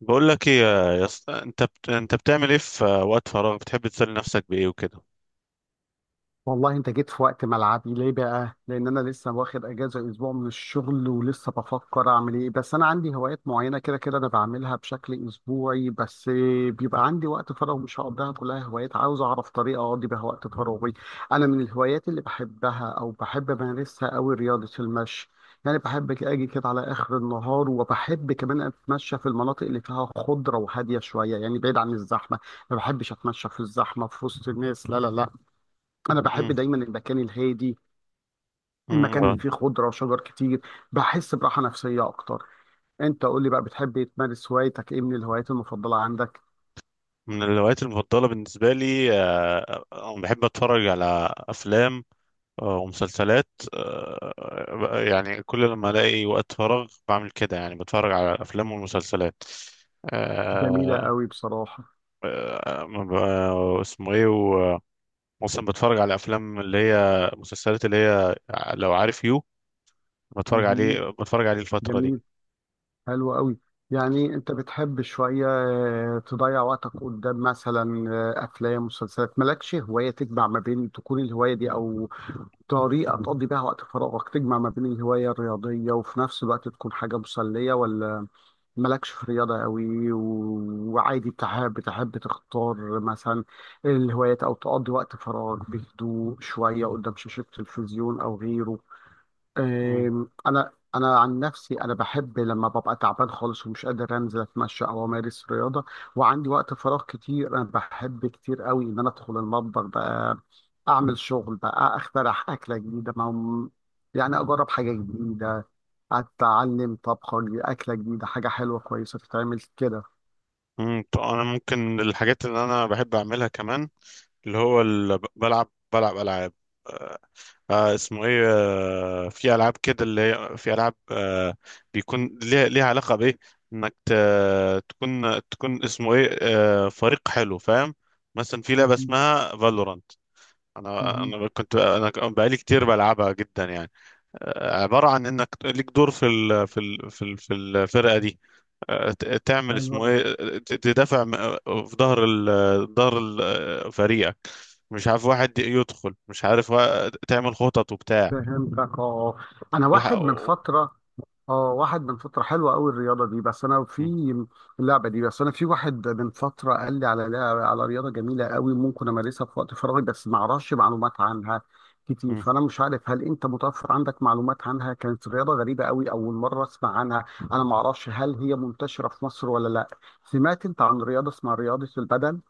بقول لك ايه يا اسطى، انت بتعمل ايه في وقت فراغ؟ بتحب تسلي نفسك بايه وكده؟ والله انت جيت في وقت ملعبي ليه بقى؟ لان انا لسه واخد اجازه اسبوع من الشغل، ولسه بفكر اعمل ايه. بس انا عندي هوايات معينه كده كده انا بعملها بشكل اسبوعي بس. بيبقى عندي وقت فراغ مش هقضيها كلها هوايات، عاوز اعرف طريقه اقضي بيها وقت فراغي. انا من الهوايات اللي بحبها او بحب امارسها قوي رياضه المشي. يعني بحب اجي كده على اخر النهار، وبحب كمان اتمشى في المناطق اللي فيها خضره وهاديه شويه، يعني بعيد عن الزحمه. ما بحبش اتمشى في الزحمه في وسط الناس، لا لا لا. انا بحب مم. دايما المكان الهادي، مم. المكان آه. اللي فيه خضره وشجر كتير. بحس براحه نفسيه اكتر. انت قول لي بقى، بتحب تمارس هوايتك ايه، من الهوايات المفضله عندك؟ من الهوايات المفضله بالنسبه لي بحب اتفرج على افلام ومسلسلات. يعني كل لما الاقي وقت فراغ بعمل كده، يعني بتفرج على الافلام والمسلسلات. جميله آه، قوي بصراحه. ما اسمه ايه مثلا بتفرج على افلام اللي هي مسلسلات اللي هي، لو عارف يو، بتفرج مهم. عليه بتفرج عليه الفتره جميل. حلو قوي. يعني انت بتحب شويه، آه، تضيع وقتك قدام مثلا آه، افلام مسلسلات؟ مالكش هوايه تجمع ما بين تكون الهوايه دي، او دي. طريقه تقضي بيها وقت فراغك تجمع ما بين الهوايه الرياضيه وفي نفس الوقت تكون حاجه مسليه؟ ولا مالكش في رياضة قوي وعادي بتحب تختار مثلا الهوايات أو تقضي وقت فراغ بهدوء شوية قدام شاشة تلفزيون أو غيره؟ مم. انا عن نفسي انا بحب لما ببقى تعبان خالص ومش قادر انزل اتمشى او امارس رياضه، وعندي وقت فراغ كتير، انا بحب كتير قوي ان انا ادخل المطبخ بقى، اعمل شغل بقى، اخترع اكله جديده، ما يعني اجرب حاجه جديده، اتعلم طبخه جديدة، اكله جديده، حاجه حلوه كويسه تتعمل كده. مم. طب انا ممكن الحاجات اللي انا بحب اعملها كمان، اللي هو اللي بلعب العاب. آه اسمه ايه، في العاب كده اللي هي، في العاب، بيكون ليها علاقه بايه، انك تكون اسمه ايه، فريق حلو فاهم. مثلا في لعبه مهم. اسمها فالورانت، انا مهم. انا كنت، انا بقالي كتير بلعبها جدا يعني. عباره عن انك ليك دور في الفرقه دي. تعمل حلو اسمه أوي. ايه، تدافع في ظهر فريقك، مش عارف واحد يدخل، مش عارف، تعمل خطط وبتاع. فهمتك اه. انا والح- واحد من فتره، اه واحد من فترة حلوة قوي الرياضة دي، بس انا م- في اللعبة دي، بس انا في واحد من فترة قال لي على لعبة، على رياضة جميلة قوي ممكن امارسها في وقت فراغي، بس ما اعرفش معلومات عنها كتير، م. فانا مش عارف هل انت متوفر عندك معلومات عنها. كانت رياضة غريبة قوي اول مرة اسمع عنها. انا ما اعرفش هل هي منتشرة في مصر ولا لا. سمعت انت عن رياضة اسمها رياضة البدل؟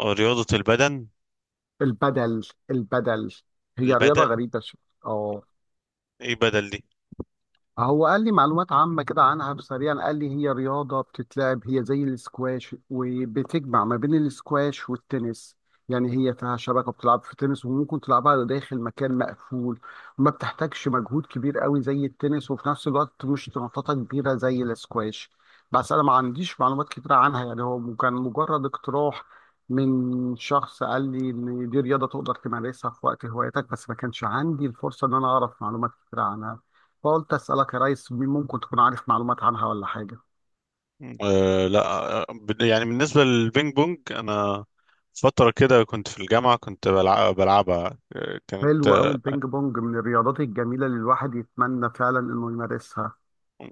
رياضة البدن. البدل. البدل. هي رياضة البدن، غريبة شوية آه. ايه بدل دي؟ هو قال لي معلومات عامة كده عنها سريعا، قال لي هي رياضة بتتلعب، هي زي الاسكواش، وبتجمع ما بين الاسكواش والتنس. يعني هي فيها شبكة بتلعب في تنس، وممكن تلعبها داخل مكان مقفول. ما بتحتاجش مجهود كبير قوي زي التنس، وفي نفس الوقت مش نطاطة كبيرة زي الاسكواش. بس أنا ما عنديش معلومات كتيرة عنها، يعني هو كان مجرد اقتراح من شخص قال لي إن دي رياضة تقدر تمارسها في وقت هوايتك، بس ما كانش عندي الفرصة إن أنا أعرف معلومات كتيرة عنها، فقلت اسالك يا ريس ممكن تكون عارف معلومات عنها ولا حاجه. أه لا. يعني بالنسبة للبينج بونج، انا فترة كده كنت في الجامعة، كنت بلعبها. كانت حلو قوي البينج بونج، من الرياضات الجميله اللي الواحد يتمنى فعلا انه يمارسها،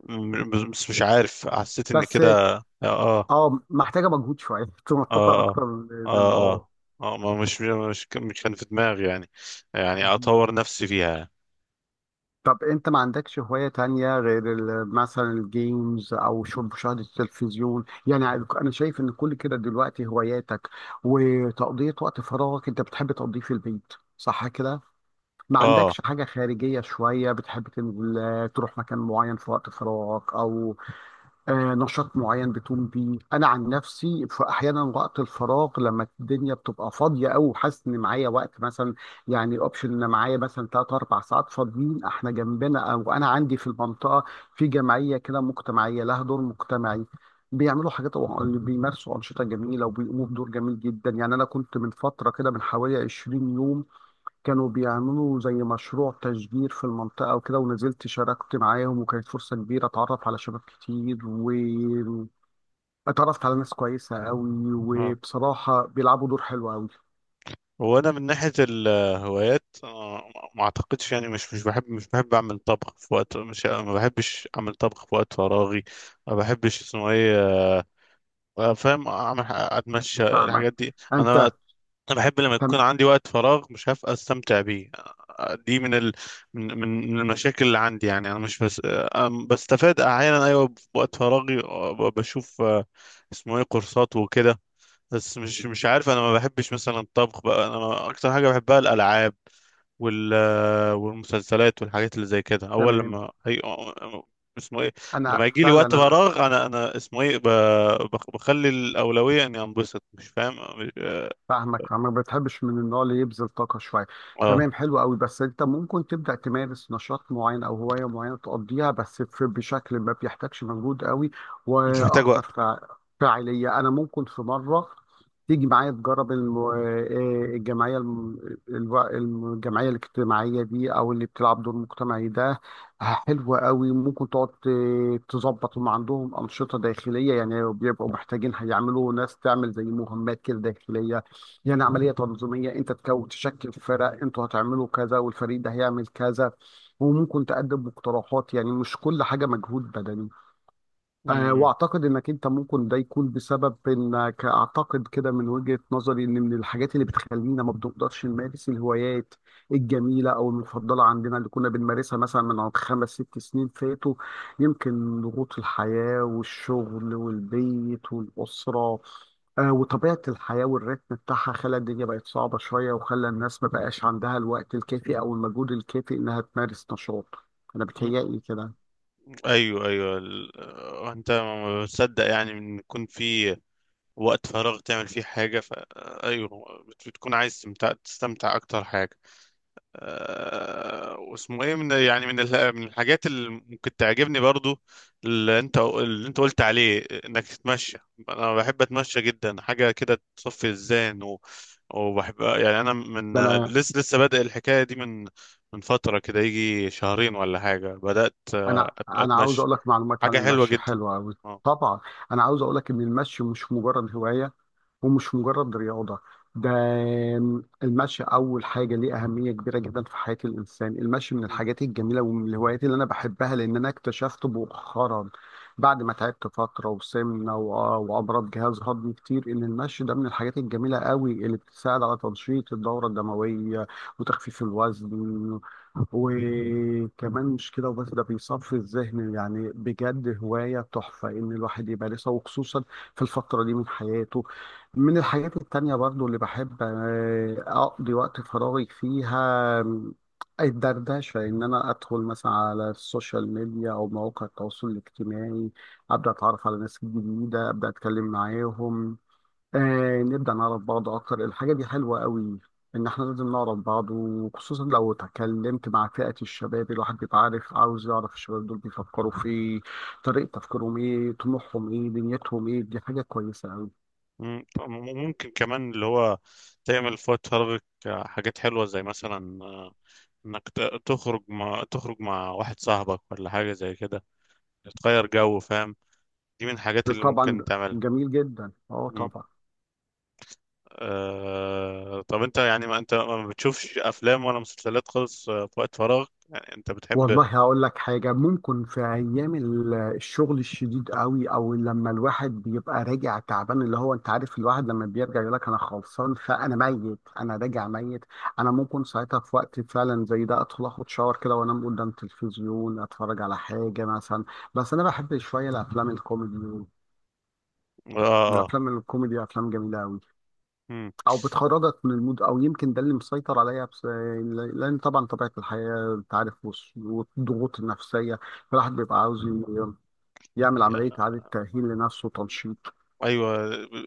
بس مش عارف، حسيت ان بس كده. اه اه محتاجه مجهود شويه تنططها اه اكتر اه من اللازم اه اه. اه. ما مش كان في دماغي يعني، يعني مهم. اطور نفسي فيها. طب انت ما عندكش هوايه تانية غير مثلا الجيمز او مشاهده التلفزيون يعني؟ انا شايف ان كل كده دلوقتي هواياتك وتقضيه وقت فراغك انت بتحب تقضيه في البيت صح كده؟ ما اه عندكش حاجة خارجية شوية بتحب تنزل تروح مكان معين في وقت فراغك أو آه، نشاط معين بتقوم بيه؟ أنا عن نفسي في أحيانا وقت الفراغ لما الدنيا بتبقى فاضية أو وحاسس إن معايا وقت، مثلا يعني الأوبشن إن معايا مثلا تلات أربع ساعات فاضيين، إحنا جنبنا أو أنا عندي في المنطقة في جمعية كده مجتمعية لها دور مجتمعي، بيعملوا حاجات، بيمارسوا أنشطة جميلة وبيقوموا بدور جميل جدا. يعني أنا كنت من فترة كده، من حوالي 20 يوم، كانوا بيعملوا زي مشروع تشجير في المنطقة وكده، ونزلت شاركت معاهم، وكانت فرصة كبيرة اتعرف على شباب كتير، و اتعرفت على ناس كويسة قوي، اه. وبصراحة بيلعبوا دور حلو قوي. هو انا من ناحيه الهوايات، ما اعتقدش يعني، مش بحب اعمل طبخ في وقت، مش، ما بحبش اعمل طبخ في وقت فراغي. ما بحبش اسمه ايه، آه، فاهم، اعمل اتمشى فاهمك. الحاجات دي. انا انت انا بحب لما يكون تم... عندي وقت فراغ مش هبقى استمتع بيه. دي من ال... من من من المشاكل اللي عندي يعني. انا مش بس بستفاد احيانا ايوه بوقت فراغي، بشوف، اسمه ايه، كورسات وكده. بس مش عارف، انا ما بحبش مثلا الطبخ بقى. انا اكتر حاجه بحبها الالعاب وال والمسلسلات والحاجات اللي زي كده. اول تمام. لما هي اسمه ايه، لما انا يجي لي وقت فعلا فراغ، انا اسمه ايه بخلي الاولويه اني انبسط، مش فاهم مش... اه. فاهمك، فما بتحبش من النوع اللي يبذل طاقة شوية. آه. تمام، حلو قوي. بس انت ممكن تبدأ تمارس نشاط معين او هواية معينة تقضيها بس بشكل ما بيحتاجش مجهود قوي مش محتاج واكتر وقت. فاعلية. انا ممكن في مرة تيجي معايا تجرب الجمعية الجمعية الاجتماعية دي او اللي بتلعب دور مجتمعي ده، حلوة قوي. ممكن تقعد تظبط، هم عندهم أنشطة داخلية، يعني بيبقوا محتاجين هيعملوا ناس تعمل زي مهمات كده داخلية، يعني عملية تنظيمية، انت تشكل فرق، انتوا هتعملوا كذا، والفريق ده هيعمل كذا، وممكن تقدم مقترحات، يعني مش كل حاجة مجهود بدني. أه، مم. واعتقد انك انت ممكن ده يكون بسبب، انك اعتقد كده من وجهة نظري، ان من الحاجات اللي بتخلينا ما بنقدرش نمارس الهوايات الجميلة او المفضلة عندنا اللي كنا بنمارسها مثلا من عند خمس ست سنين فاتوا، يمكن ضغوط الحياة والشغل والبيت والأسرة، أه وطبيعة الحياة والريتم بتاعها، خلى الدنيا بقت صعبة شوية، وخلى الناس ما بقاش عندها الوقت الكافي او المجهود الكافي انها تمارس نشاط. انا مم. بتهيألي كده. ايوه، ايوه، انت ما بتصدق يعني، ان يكون في وقت فراغ تعمل فيه حاجه، ف آه، ايوه. بتكون عايز تستمتع اكتر حاجه. واسمه ايه من، يعني من من الحاجات اللي ممكن تعجبني برضو، اللي انت قلت عليه انك تتمشى. انا بحب اتمشى جدا، حاجه كده تصفي الذهن وبحب يعني. انا من ده انا لسه بادئ الحكايه دي من فتره كده، يجي شهرين ولا حاجه، بدات انا انا عاوز اتمشى. اقول لك معلومات عن حاجه حلوه المشي جدا. حلوه قوي. اه. طبعا. انا عاوز اقول لك ان المشي مش مجرد هوايه، ومش مجرد رياضة، ده المشي أول حاجة ليه أهمية كبيرة جدا في حياة الإنسان. المشي من مم. الحاجات الجميلة ومن الهوايات اللي أنا بحبها، لأن أنا اكتشفت مؤخرا، بعد ما تعبت فترة وسمنة وأمراض جهاز هضمي كتير، إن المشي ده من الحاجات الجميلة قوي اللي بتساعد على تنشيط الدورة الدموية وتخفيف الوزن، وكمان مش كده وبس، ده بيصفي الذهن. يعني بجد هواية تحفة إن الواحد يمارسها، وخصوصا في الفترة دي من حياته. من الحاجات التانية برضو اللي بحب أقضي وقت فراغي فيها الدردشة، إن أنا أدخل مثلا على السوشيال ميديا أو مواقع التواصل الاجتماعي، أبدأ أتعرف على ناس جديدة، أبدأ أتكلم معاهم، نبدأ نعرف بعض أكتر. الحاجة دي حلوة قوي، إن إحنا لازم نعرف بعض، وخصوصا لو اتكلمت مع فئة الشباب. الواحد بيبقى عارف، عاوز يعرف الشباب دول بيفكروا في إيه، طريقة تفكيرهم إيه، طموحهم إيه، دنيتهم إيه. دي حاجة كويسة. مم. ممكن كمان اللي هو تعمل في وقت فراغك حاجات حلوة زي مثلا انك تخرج مع واحد صاحبك ولا حاجة زي كده، تغير جو فاهم. دي من الحاجات اللي طبعا، ممكن تعملها. جميل جدا، اه مم. طبعا. طب انت يعني، ما انت ما بتشوفش افلام ولا مسلسلات خالص، في وقت فراغ، يعني انت بتحب. اه. والله هقول لك حاجة، ممكن في أيام الشغل الشديد قوي، أو لما الواحد بيبقى راجع تعبان، اللي هو أنت عارف الواحد لما بيرجع يقول لك أنا خلصان، فأنا ميت، أنا راجع ميت، أنا ممكن ساعتها في وقت فعلا زي ده أدخل أخد شاور كده، وأنام قدام تلفزيون أتفرج على حاجة مثلا. بس أنا بحب شوية الأفلام الكوميدي. آه. الأفلام الكوميدي أفلام جميلة قوي، آه. او بتخرجك من المود، او يمكن ده اللي مسيطر عليا بس. لان طبعا طبيعه الحياه انت عارف، والضغوط النفسيه، الواحد بيبقى عاوز يعمل عمليه اعاده تاهيل لنفسه مم. وتنشيط. ايوه.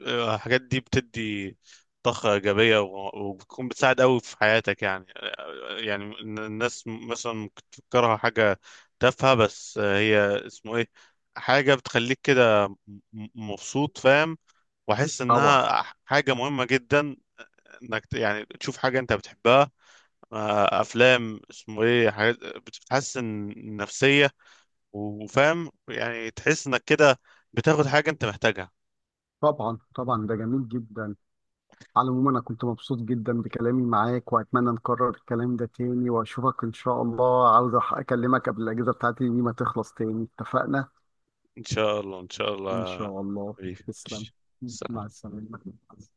الحاجات دي بتدي طاقه ايجابيه، وبتكون بتساعد قوي في حياتك يعني. يعني إن الناس مثلا ممكن تفكرها حاجه تافهه، بس هي اسمه ايه، حاجه بتخليك كده مبسوط فاهم، واحس طبعا انها حاجه مهمه جدا. انك يعني تشوف حاجه انت بتحبها، افلام اسمه ايه، حاجات بتحسن النفسيه وفاهم، يعني تحس انك كده بتاخد حاجه انت محتاجها. طبعا طبعا، ده جميل جدا. على العموم انا كنت مبسوط جدا بكلامي معاك، واتمنى نكرر الكلام ده تاني، واشوفك ان شاء الله، عاوز اكلمك قبل الاجازه بتاعتي دي ما تخلص تاني، اتفقنا؟ ان شاء الله، ان شاء ان الله. شاء الله. حبيبي، تسلم. ماشي. مع سلام. السلامه.